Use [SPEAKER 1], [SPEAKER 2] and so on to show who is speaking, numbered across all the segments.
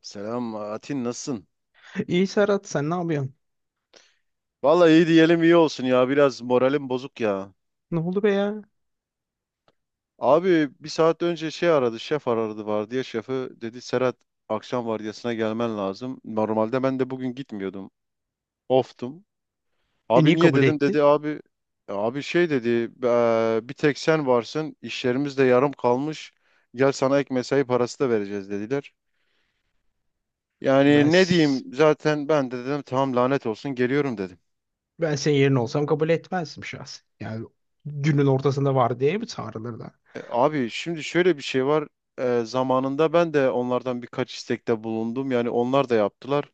[SPEAKER 1] Selam Atin nasılsın?
[SPEAKER 2] İyi Serhat sen ne yapıyorsun?
[SPEAKER 1] Vallahi iyi diyelim iyi olsun ya biraz moralim bozuk ya.
[SPEAKER 2] Ne oldu be ya?
[SPEAKER 1] Abi bir saat önce şey aradı şef aradı var diye şefi dedi Serhat akşam vardiyasına gelmen lazım. Normalde ben de bugün gitmiyordum oftum.
[SPEAKER 2] E
[SPEAKER 1] Abi
[SPEAKER 2] niye
[SPEAKER 1] niye
[SPEAKER 2] kabul
[SPEAKER 1] dedim
[SPEAKER 2] etti?
[SPEAKER 1] dedi abi şey dedi bir tek sen varsın işlerimiz de yarım kalmış gel sana ek mesai parası da vereceğiz dediler.
[SPEAKER 2] Ben,
[SPEAKER 1] Yani ne
[SPEAKER 2] s-
[SPEAKER 1] diyeyim zaten ben de dedim tamam lanet olsun geliyorum dedim.
[SPEAKER 2] ben senin yerine olsam kabul etmezdim şahsen. Yani günün ortasında var diye mi çağrılır da?
[SPEAKER 1] Abi şimdi şöyle bir şey var. Zamanında ben de onlardan birkaç istekte bulundum. Yani onlar da yaptılar.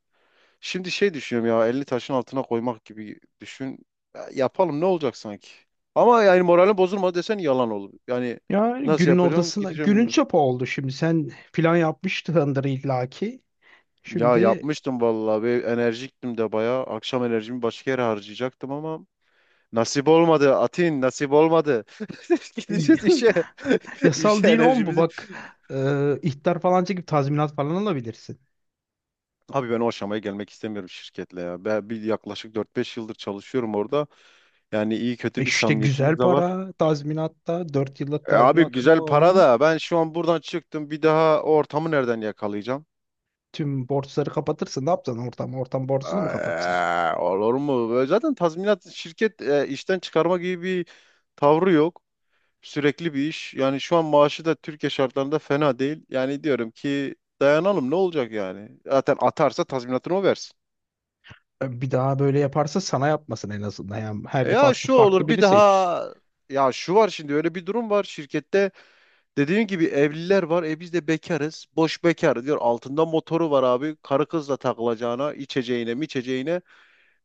[SPEAKER 1] Şimdi şey düşünüyorum ya elini taşın altına koymak gibi düşün. Ya, yapalım ne olacak sanki? Ama yani moralim bozulmadı desen yalan olur. Yani
[SPEAKER 2] Yani
[SPEAKER 1] nasıl
[SPEAKER 2] günün
[SPEAKER 1] yapacağım
[SPEAKER 2] ortasında
[SPEAKER 1] gideceğim
[SPEAKER 2] günün
[SPEAKER 1] bilmiyorum.
[SPEAKER 2] çöpü oldu şimdi. Sen plan yapmıştındır illaki.
[SPEAKER 1] Ya
[SPEAKER 2] Şimdi
[SPEAKER 1] yapmıştım vallahi ve enerjiktim de bayağı. Akşam enerjimi başka yere harcayacaktım ama nasip olmadı. Atin nasip olmadı. Gideceğiz işe.
[SPEAKER 2] yasal
[SPEAKER 1] İşe
[SPEAKER 2] değil on bu
[SPEAKER 1] enerjimizi
[SPEAKER 2] bak. İhtar falan çekip tazminat falan alabilirsin.
[SPEAKER 1] Abi ben o aşamaya gelmek istemiyorum şirketle ya. Ben bir yaklaşık 4-5 yıldır çalışıyorum orada. Yani iyi
[SPEAKER 2] E
[SPEAKER 1] kötü bir
[SPEAKER 2] işte güzel
[SPEAKER 1] samimiyetimiz de var.
[SPEAKER 2] para tazminatta 4 yıllık
[SPEAKER 1] Abi
[SPEAKER 2] tazminat.
[SPEAKER 1] güzel para
[SPEAKER 2] Oo.
[SPEAKER 1] da ben şu an buradan çıktım bir daha o ortamı nereden yakalayacağım?
[SPEAKER 2] Tüm borçları kapatırsın. Ne yapacaksın ortam? Ortam borcunu mu kapatacak?
[SPEAKER 1] Olur mu? Böyle zaten tazminat şirket işten çıkarma gibi bir tavrı yok. Sürekli bir iş. Yani şu an maaşı da Türkiye şartlarında fena değil. Yani diyorum ki dayanalım ne olacak yani? Zaten atarsa tazminatını o versin.
[SPEAKER 2] Bir daha böyle yaparsa sana yapmasın en azından. Yani her
[SPEAKER 1] Ya
[SPEAKER 2] defasında
[SPEAKER 1] şu
[SPEAKER 2] farklı
[SPEAKER 1] olur bir
[SPEAKER 2] biri seç.
[SPEAKER 1] daha ya şu var şimdi öyle bir durum var şirkette dediğim gibi evliler var biz de bekarız boş bekar diyor altında motoru var abi karı kızla takılacağına içeceğine içeceğine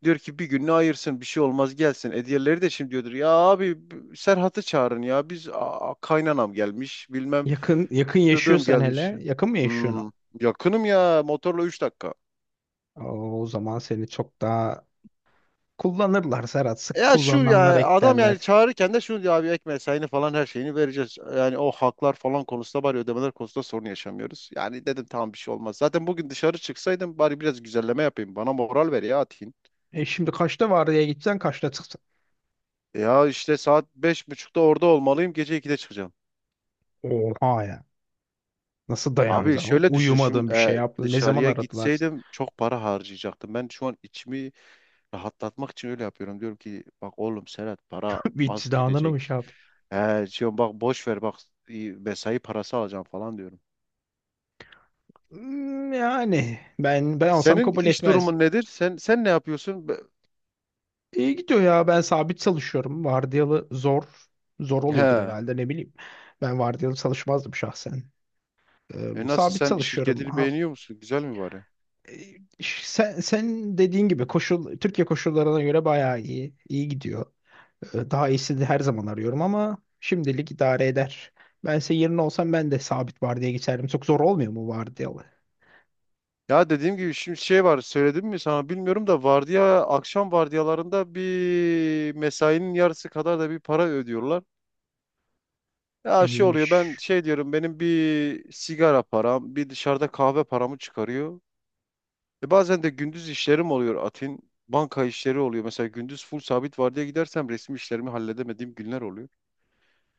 [SPEAKER 1] diyor ki bir gününü ayırsın bir şey olmaz gelsin diğerleri de şimdi diyordur ya abi b- Serhat'ı çağırın ya biz a- kaynanam gelmiş bilmem
[SPEAKER 2] Yakın yakın
[SPEAKER 1] dıdım
[SPEAKER 2] yaşıyorsan
[SPEAKER 1] gelmiş.
[SPEAKER 2] hele yakın mı yaşıyorsun?
[SPEAKER 1] Hmm, yakınım ya motorla 3 dakika.
[SPEAKER 2] O zaman seni çok daha kullanırlar Serhat. Sık
[SPEAKER 1] Ya şu
[SPEAKER 2] kullananlar
[SPEAKER 1] ya adam yani
[SPEAKER 2] eklerler.
[SPEAKER 1] çağırırken de şunu diyor abi ek mesaini falan her şeyini vereceğiz. Yani o haklar falan konusunda bari ödemeler konusunda sorun yaşamıyoruz. Yani dedim tamam bir şey olmaz. Zaten bugün dışarı çıksaydım bari biraz güzelleme yapayım. Bana moral ver ya Atin.
[SPEAKER 2] E şimdi kaçta vardiya gideceksin, kaçta çıkacaksın?
[SPEAKER 1] Ya işte saat 5.30'da orada olmalıyım gece 2'de çıkacağım.
[SPEAKER 2] Oha ya. Nasıl
[SPEAKER 1] Abi
[SPEAKER 2] dayanacaksın, oğlum?
[SPEAKER 1] şöyle düşün
[SPEAKER 2] Uyumadın
[SPEAKER 1] şimdi
[SPEAKER 2] bir şey yaptın. Ne zaman
[SPEAKER 1] dışarıya
[SPEAKER 2] aradılar?
[SPEAKER 1] gitseydim çok para harcayacaktım. Ben şu an içimi rahatlatmak için öyle yapıyorum. Diyorum ki bak oğlum Serhat para
[SPEAKER 2] Bir
[SPEAKER 1] az
[SPEAKER 2] izdihanını mı şey
[SPEAKER 1] gidecek.
[SPEAKER 2] yapayım?
[SPEAKER 1] He, diyorum bak boş ver bak i- mesai parası alacağım falan diyorum.
[SPEAKER 2] Yani ben olsam
[SPEAKER 1] Senin
[SPEAKER 2] kabul
[SPEAKER 1] iş
[SPEAKER 2] etmez.
[SPEAKER 1] durumun nedir? Sen ne yapıyorsun? Be-
[SPEAKER 2] İyi gidiyor ya. Ben sabit çalışıyorum. Vardiyalı zor. Zor oluyordur
[SPEAKER 1] He.
[SPEAKER 2] herhalde ne bileyim. Ben vardiyalı çalışmazdım şahsen. Ee,
[SPEAKER 1] Nasıl
[SPEAKER 2] sabit
[SPEAKER 1] sen
[SPEAKER 2] çalışıyorum.
[SPEAKER 1] şirketini
[SPEAKER 2] Ha-
[SPEAKER 1] beğeniyor musun? Güzel mi bari?
[SPEAKER 2] Ee, sen, sen dediğin gibi koşul Türkiye koşullarına göre bayağı iyi. İyi gidiyor. Daha iyisini her zaman arıyorum ama şimdilik idare eder. Ben senin yerine olsam ben de sabit vardiyaya geçerdim. Çok zor olmuyor mu vardiyalı?
[SPEAKER 1] Ya dediğim gibi şimdi şey var söyledim mi sana bilmiyorum da vardiya akşam vardiyalarında bir mesainin yarısı kadar da bir para ödüyorlar. Ya şey oluyor ben
[SPEAKER 2] İyiymiş.
[SPEAKER 1] şey diyorum benim bir sigara param bir dışarıda kahve paramı çıkarıyor. Bazen de gündüz işlerim oluyor Atin. Banka işleri oluyor. Mesela gündüz full sabit vardiya gidersem resmi işlerimi halledemediğim günler oluyor.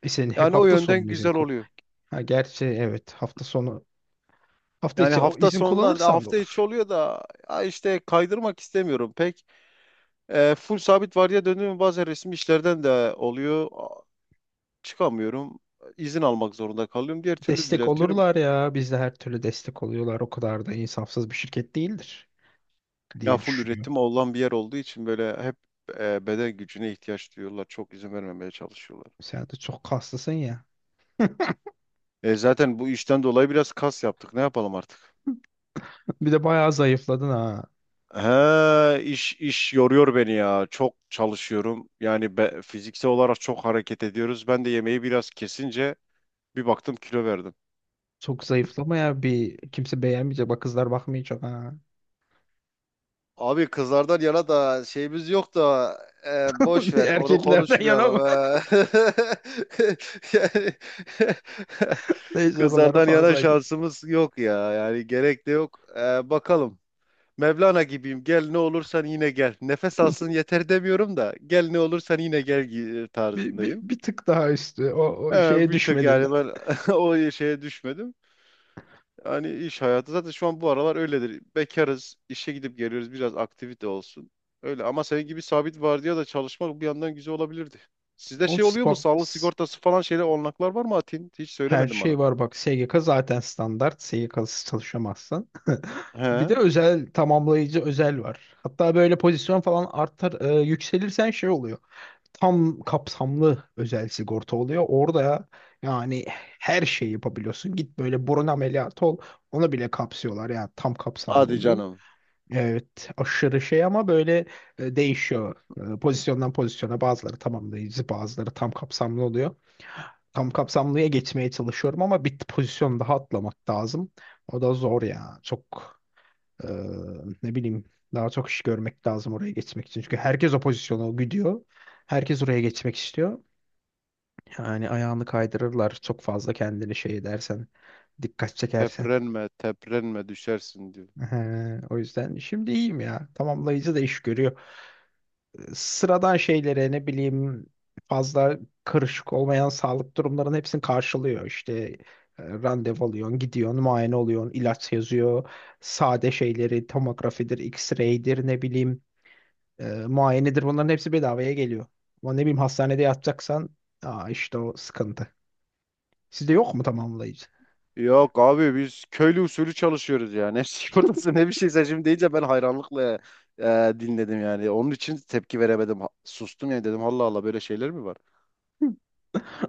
[SPEAKER 2] E senin hep
[SPEAKER 1] Yani o
[SPEAKER 2] hafta sonu
[SPEAKER 1] yönden
[SPEAKER 2] mu izin
[SPEAKER 1] güzel
[SPEAKER 2] ku-
[SPEAKER 1] oluyor.
[SPEAKER 2] Ha, gerçi evet hafta sonu. Hafta
[SPEAKER 1] Yani
[SPEAKER 2] içi o
[SPEAKER 1] hafta
[SPEAKER 2] izin
[SPEAKER 1] sonundan da
[SPEAKER 2] kullanırsan da
[SPEAKER 1] hafta içi
[SPEAKER 2] olur.
[SPEAKER 1] oluyor da ya işte kaydırmak istemiyorum pek. Full sabit vardiya döndüğüm bazen resmi işlerden de oluyor. A- Çıkamıyorum. İzin almak zorunda kalıyorum. Diğer türlü
[SPEAKER 2] Destek
[SPEAKER 1] düzeltiyorum.
[SPEAKER 2] olurlar ya. Bizde her türlü destek oluyorlar. O kadar da insafsız bir şirket değildir
[SPEAKER 1] Ya
[SPEAKER 2] diye
[SPEAKER 1] full
[SPEAKER 2] düşünüyorum.
[SPEAKER 1] üretim olan bir yer olduğu için böyle hep beden gücüne ihtiyaç duyuyorlar. Çok izin vermemeye çalışıyorlar.
[SPEAKER 2] Sen de çok kaslısın ya.
[SPEAKER 1] Zaten bu işten dolayı biraz kas yaptık. Ne yapalım artık?
[SPEAKER 2] Bir de bayağı zayıfladın ha.
[SPEAKER 1] He, iş yoruyor beni ya. Çok çalışıyorum. Yani be- fiziksel olarak çok hareket ediyoruz. Ben de yemeği biraz kesince bir baktım kilo verdim.
[SPEAKER 2] Çok zayıflama ya bir kimse beğenmeyecek. Bak kızlar bakmayacak ha.
[SPEAKER 1] Abi kızlardan yana da şeyimiz yok da boş ver onu
[SPEAKER 2] Erkeklerden yana.
[SPEAKER 1] konuşmayalım. Ha. Yani
[SPEAKER 2] Neyse oralara
[SPEAKER 1] kızlardan yana
[SPEAKER 2] fazla git.
[SPEAKER 1] şansımız yok ya yani gerek de yok. Bakalım. Mevlana gibiyim. Gel ne olursan yine gel. Nefes alsın yeter demiyorum da gel ne olursan yine gel gi-
[SPEAKER 2] Bir, bir,
[SPEAKER 1] tarzındayım.
[SPEAKER 2] bir tık daha üstü. O şeye
[SPEAKER 1] Bir tık
[SPEAKER 2] düşmedin de.
[SPEAKER 1] yani ben o şeye düşmedim. Hani iş hayatı zaten şu an bu aralar öyledir. Bekarız, işe gidip geliyoruz. Biraz aktivite olsun. Öyle ama senin gibi sabit vardiya da çalışmak bir yandan güzel olabilirdi. Sizde şey oluyor mu?
[SPEAKER 2] Xbox
[SPEAKER 1] Sağlık sigortası falan şeyle olanaklar var mı Atin? Hiç
[SPEAKER 2] her
[SPEAKER 1] söylemedin
[SPEAKER 2] şey
[SPEAKER 1] bana.
[SPEAKER 2] var bak. SGK zaten standart. SGK'sız çalışamazsın. Bir de
[SPEAKER 1] He?
[SPEAKER 2] özel tamamlayıcı özel var. Hatta böyle pozisyon falan artar yükselirsen şey oluyor. Tam kapsamlı özel sigorta oluyor. Orada yani her şeyi yapabiliyorsun. Git böyle burun ameliyatı ol. Onu bile kapsıyorlar yani tam kapsamlı
[SPEAKER 1] Hadi
[SPEAKER 2] oluyor.
[SPEAKER 1] canım.
[SPEAKER 2] Evet, aşırı şey ama böyle değişiyor. Pozisyondan pozisyona bazıları tamamlayıcı, bazıları tam kapsamlı oluyor. Tam kapsamlıya geçmeye çalışıyorum ama bir pozisyon daha atlamak lazım. O da zor ya. Çok e, ne bileyim daha çok iş görmek lazım oraya geçmek için. Çünkü herkes o pozisyona gidiyor. Herkes oraya geçmek istiyor. Yani ayağını kaydırırlar çok fazla kendini şey edersen, dikkat çekersen.
[SPEAKER 1] Teprenme, teprenme düşersin diyor.
[SPEAKER 2] O yüzden şimdi iyiyim ya. Tamamlayıcı da iş görüyor. Sıradan şeylere ne bileyim fazla karışık olmayan sağlık durumlarının hepsini karşılıyor. İşte randevu alıyorsun, gidiyorsun, muayene oluyorsun, ilaç yazıyor. Sade şeyleri tomografidir, x-ray'dir ne bileyim muayenedir bunların hepsi bedavaya geliyor. Ama ne bileyim hastanede yatacaksan işte o sıkıntı. Sizde yok mu tamamlayıcı?
[SPEAKER 1] Yok abi biz köylü usulü çalışıyoruz yani. Ne sigortası ne bir şeyse şimdi deyince ben hayranlıkla dinledim yani. Onun için tepki veremedim. Ha- Sustum yani dedim Allah Allah böyle şeyler mi var?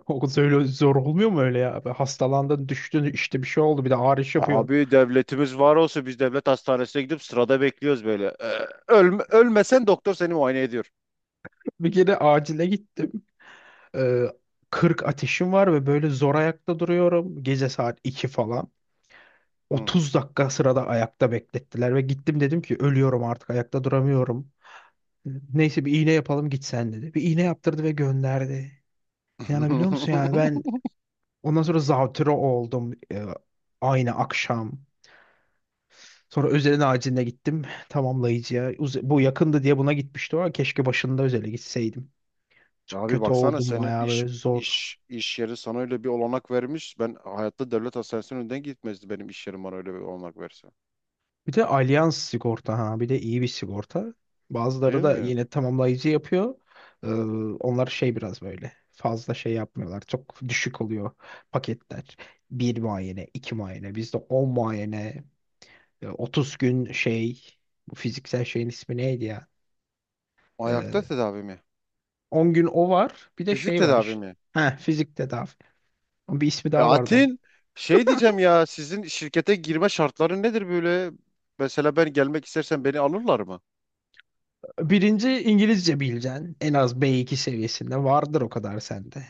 [SPEAKER 2] O öyle zor olmuyor mu öyle ya? Hastalandın, düştün, işte bir şey oldu, bir de ağrış yapıyorsun.
[SPEAKER 1] Abi devletimiz var olsa biz devlet hastanesine gidip sırada bekliyoruz böyle. Ölme- ölmesen doktor seni muayene ediyor.
[SPEAKER 2] Bir kere acile git. Ee, 40 ateşim var ve böyle zor ayakta duruyorum. Gece saat 2 falan.
[SPEAKER 1] Hı.
[SPEAKER 2] 30 dakika sırada ayakta beklettiler ve gittim dedim ki ölüyorum artık ayakta duramıyorum. Neyse bir iğne yapalım git sen dedi. Bir iğne yaptırdı ve gönderdi. İnanabiliyor musun yani ben ondan sonra zatüre oldum aynı akşam. Sonra özelin aciline gittim tamamlayıcıya. Bu yakındı diye buna gitmişti ama keşke başında özele gitseydim.
[SPEAKER 1] Ya
[SPEAKER 2] Çok
[SPEAKER 1] abi
[SPEAKER 2] kötü
[SPEAKER 1] baksana
[SPEAKER 2] oldum
[SPEAKER 1] senin
[SPEAKER 2] bayağı
[SPEAKER 1] iş
[SPEAKER 2] böyle zor.
[SPEAKER 1] iş iş yeri sana öyle bir olanak vermiş. Ben hayatta devlet hastanesinin önünden gitmezdi benim iş yerim bana öyle bir olanak verse.
[SPEAKER 2] Bir de Allianz sigorta ha bir de iyi bir sigorta. Bazıları
[SPEAKER 1] Değil
[SPEAKER 2] da
[SPEAKER 1] mi?
[SPEAKER 2] yine tamamlayıcı yapıyor. Ee, onlar şey biraz böyle fazla şey yapmıyorlar. Çok düşük oluyor paketler. Bir muayene, iki muayene. Bizde 10 muayene, 30 gün şey bu fiziksel şeyin ismi neydi ya?
[SPEAKER 1] Ayakta
[SPEAKER 2] Ee,
[SPEAKER 1] tedavi mi?
[SPEAKER 2] 10 gün o var. Bir de
[SPEAKER 1] Fizik
[SPEAKER 2] şey var
[SPEAKER 1] tedavi
[SPEAKER 2] işte.
[SPEAKER 1] mi?
[SPEAKER 2] Ha, fizik tedavi. Bir ismi daha vardı onun.
[SPEAKER 1] Atin şey diyeceğim ya sizin şirkete girme şartları nedir böyle? Mesela ben gelmek istersen beni alırlar mı?
[SPEAKER 2] Birinci İngilizce bileceksin. En az B2 seviyesinde vardır o kadar sende.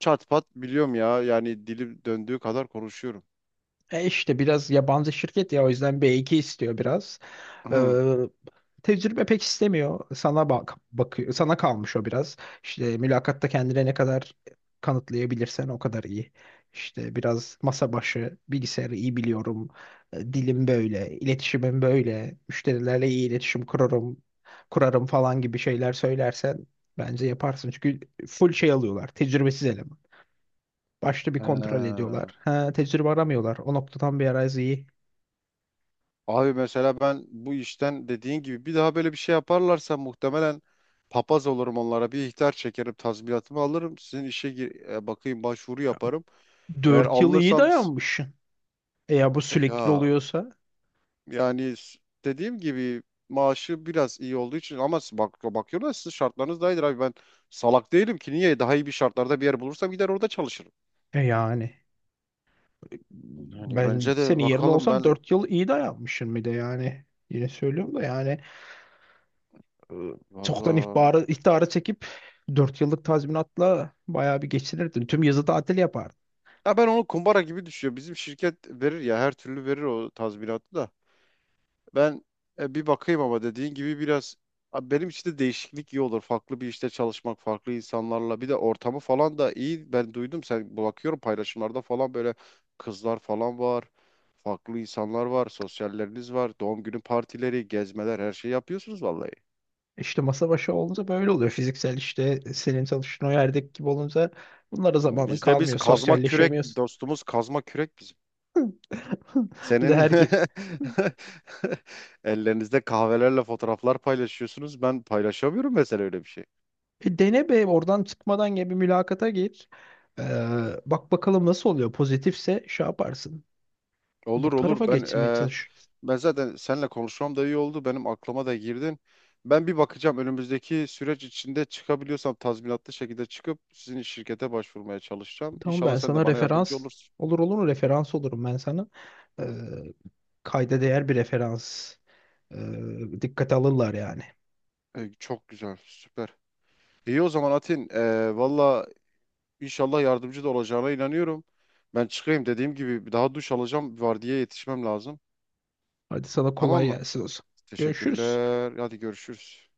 [SPEAKER 1] Çat pat biliyorum ya yani dilim döndüğü kadar konuşuyorum.
[SPEAKER 2] E işte biraz yabancı şirket ya o yüzden B2 istiyor biraz. Ee,
[SPEAKER 1] Hı.
[SPEAKER 2] tecrübe pek istemiyor. Sana bak bakıyor. Sana kalmış o biraz. İşte mülakatta kendine ne kadar kanıtlayabilirsen o kadar iyi. İşte biraz masa başı, bilgisayarı iyi biliyorum. Dilim böyle, iletişimim böyle. Müşterilerle iyi iletişim kurarım, kurarım falan gibi şeyler söylersen bence yaparsın. Çünkü full şey alıyorlar. Tecrübesiz eleman. Başta bir
[SPEAKER 1] He.
[SPEAKER 2] kontrol ediyorlar. Ha, tecrübe aramıyorlar. O noktadan bir arayüz iyi.
[SPEAKER 1] Abi mesela ben bu işten dediğin gibi bir daha böyle bir şey yaparlarsa muhtemelen papaz olurum onlara bir ihtar çekerim tazminatımı alırım sizin işe gir- bakayım başvuru yaparım. Eğer
[SPEAKER 2] 4 yıl iyi
[SPEAKER 1] alınırsam s-
[SPEAKER 2] dayanmışsın. E ya bu sürekli
[SPEAKER 1] ya
[SPEAKER 2] oluyorsa
[SPEAKER 1] Yani s- dediğim gibi maaşı biraz iyi olduğu için ama s- bak bakıyorum da şartlarınız daha iyidir abi. Ben salak değilim ki niye daha iyi bir şartlarda bir yer bulursam gider orada çalışırım.
[SPEAKER 2] yani
[SPEAKER 1] Yani
[SPEAKER 2] ben
[SPEAKER 1] bence de
[SPEAKER 2] senin yerinde
[SPEAKER 1] bakalım
[SPEAKER 2] olsam
[SPEAKER 1] ben
[SPEAKER 2] 4 yıl iyi dayanmışım bir de yani. Yine söylüyorum da yani e, çoktan
[SPEAKER 1] valla.
[SPEAKER 2] ihtara çekip 4 yıllık tazminatla bayağı bir geçinirdin. Tüm yazı tatil yapardın.
[SPEAKER 1] Ya ben onu kumbara gibi düşüyor. Bizim şirket verir ya her türlü verir o tazminatı da. Ben bir bakayım ama dediğin gibi biraz Abi benim için de değişiklik iyi olur. Farklı bir işte çalışmak, farklı insanlarla. Bir de ortamı falan da iyi. Ben duydum sen bakıyorum paylaşımlarda falan böyle kızlar falan var. Farklı insanlar var. Sosyalleriniz var. Doğum günü partileri, gezmeler her şeyi yapıyorsunuz vallahi.
[SPEAKER 2] İşte masa başı olunca böyle oluyor. Fiziksel işte senin çalıştığın o yerdeki gibi olunca bunlara zamanın
[SPEAKER 1] Bizde biz
[SPEAKER 2] kalmıyor.
[SPEAKER 1] kazma kürek
[SPEAKER 2] Sosyalleşemiyorsun.
[SPEAKER 1] dostumuz kazma kürek bizim.
[SPEAKER 2] Bir de
[SPEAKER 1] Senin
[SPEAKER 2] herkes.
[SPEAKER 1] ellerinizde kahvelerle fotoğraflar paylaşıyorsunuz. Ben paylaşamıyorum mesela öyle bir şey.
[SPEAKER 2] Dene be oradan çıkmadan gibi bir mülakata gir. Ee, bak bakalım nasıl oluyor. Pozitifse şey yaparsın. Bu
[SPEAKER 1] Olur
[SPEAKER 2] tarafa
[SPEAKER 1] olur.
[SPEAKER 2] geçmeye çalış.
[SPEAKER 1] Ben zaten seninle konuşmam da iyi oldu. Benim aklıma da girdin. Ben bir bakacağım önümüzdeki süreç içinde çıkabiliyorsam tazminatlı şekilde çıkıp sizin şirkete başvurmaya çalışacağım.
[SPEAKER 2] Tamam
[SPEAKER 1] İnşallah
[SPEAKER 2] ben
[SPEAKER 1] sen de
[SPEAKER 2] sana
[SPEAKER 1] bana yardımcı
[SPEAKER 2] referans
[SPEAKER 1] olursun.
[SPEAKER 2] olur olur mu? Referans olurum ben sana. Ee, kayda değer bir referans. Dikkate alırlar yani.
[SPEAKER 1] Çok güzel, süper. İyi o zaman Atin. Valla inşallah yardımcı da olacağına inanıyorum. Ben çıkayım dediğim gibi bir daha duş alacağım. Vardiyaya yetişmem lazım.
[SPEAKER 2] Hadi sana
[SPEAKER 1] Tamam
[SPEAKER 2] kolay
[SPEAKER 1] mı?
[SPEAKER 2] gelsin olsun. Görüşürüz.
[SPEAKER 1] Teşekkürler. Hadi görüşürüz.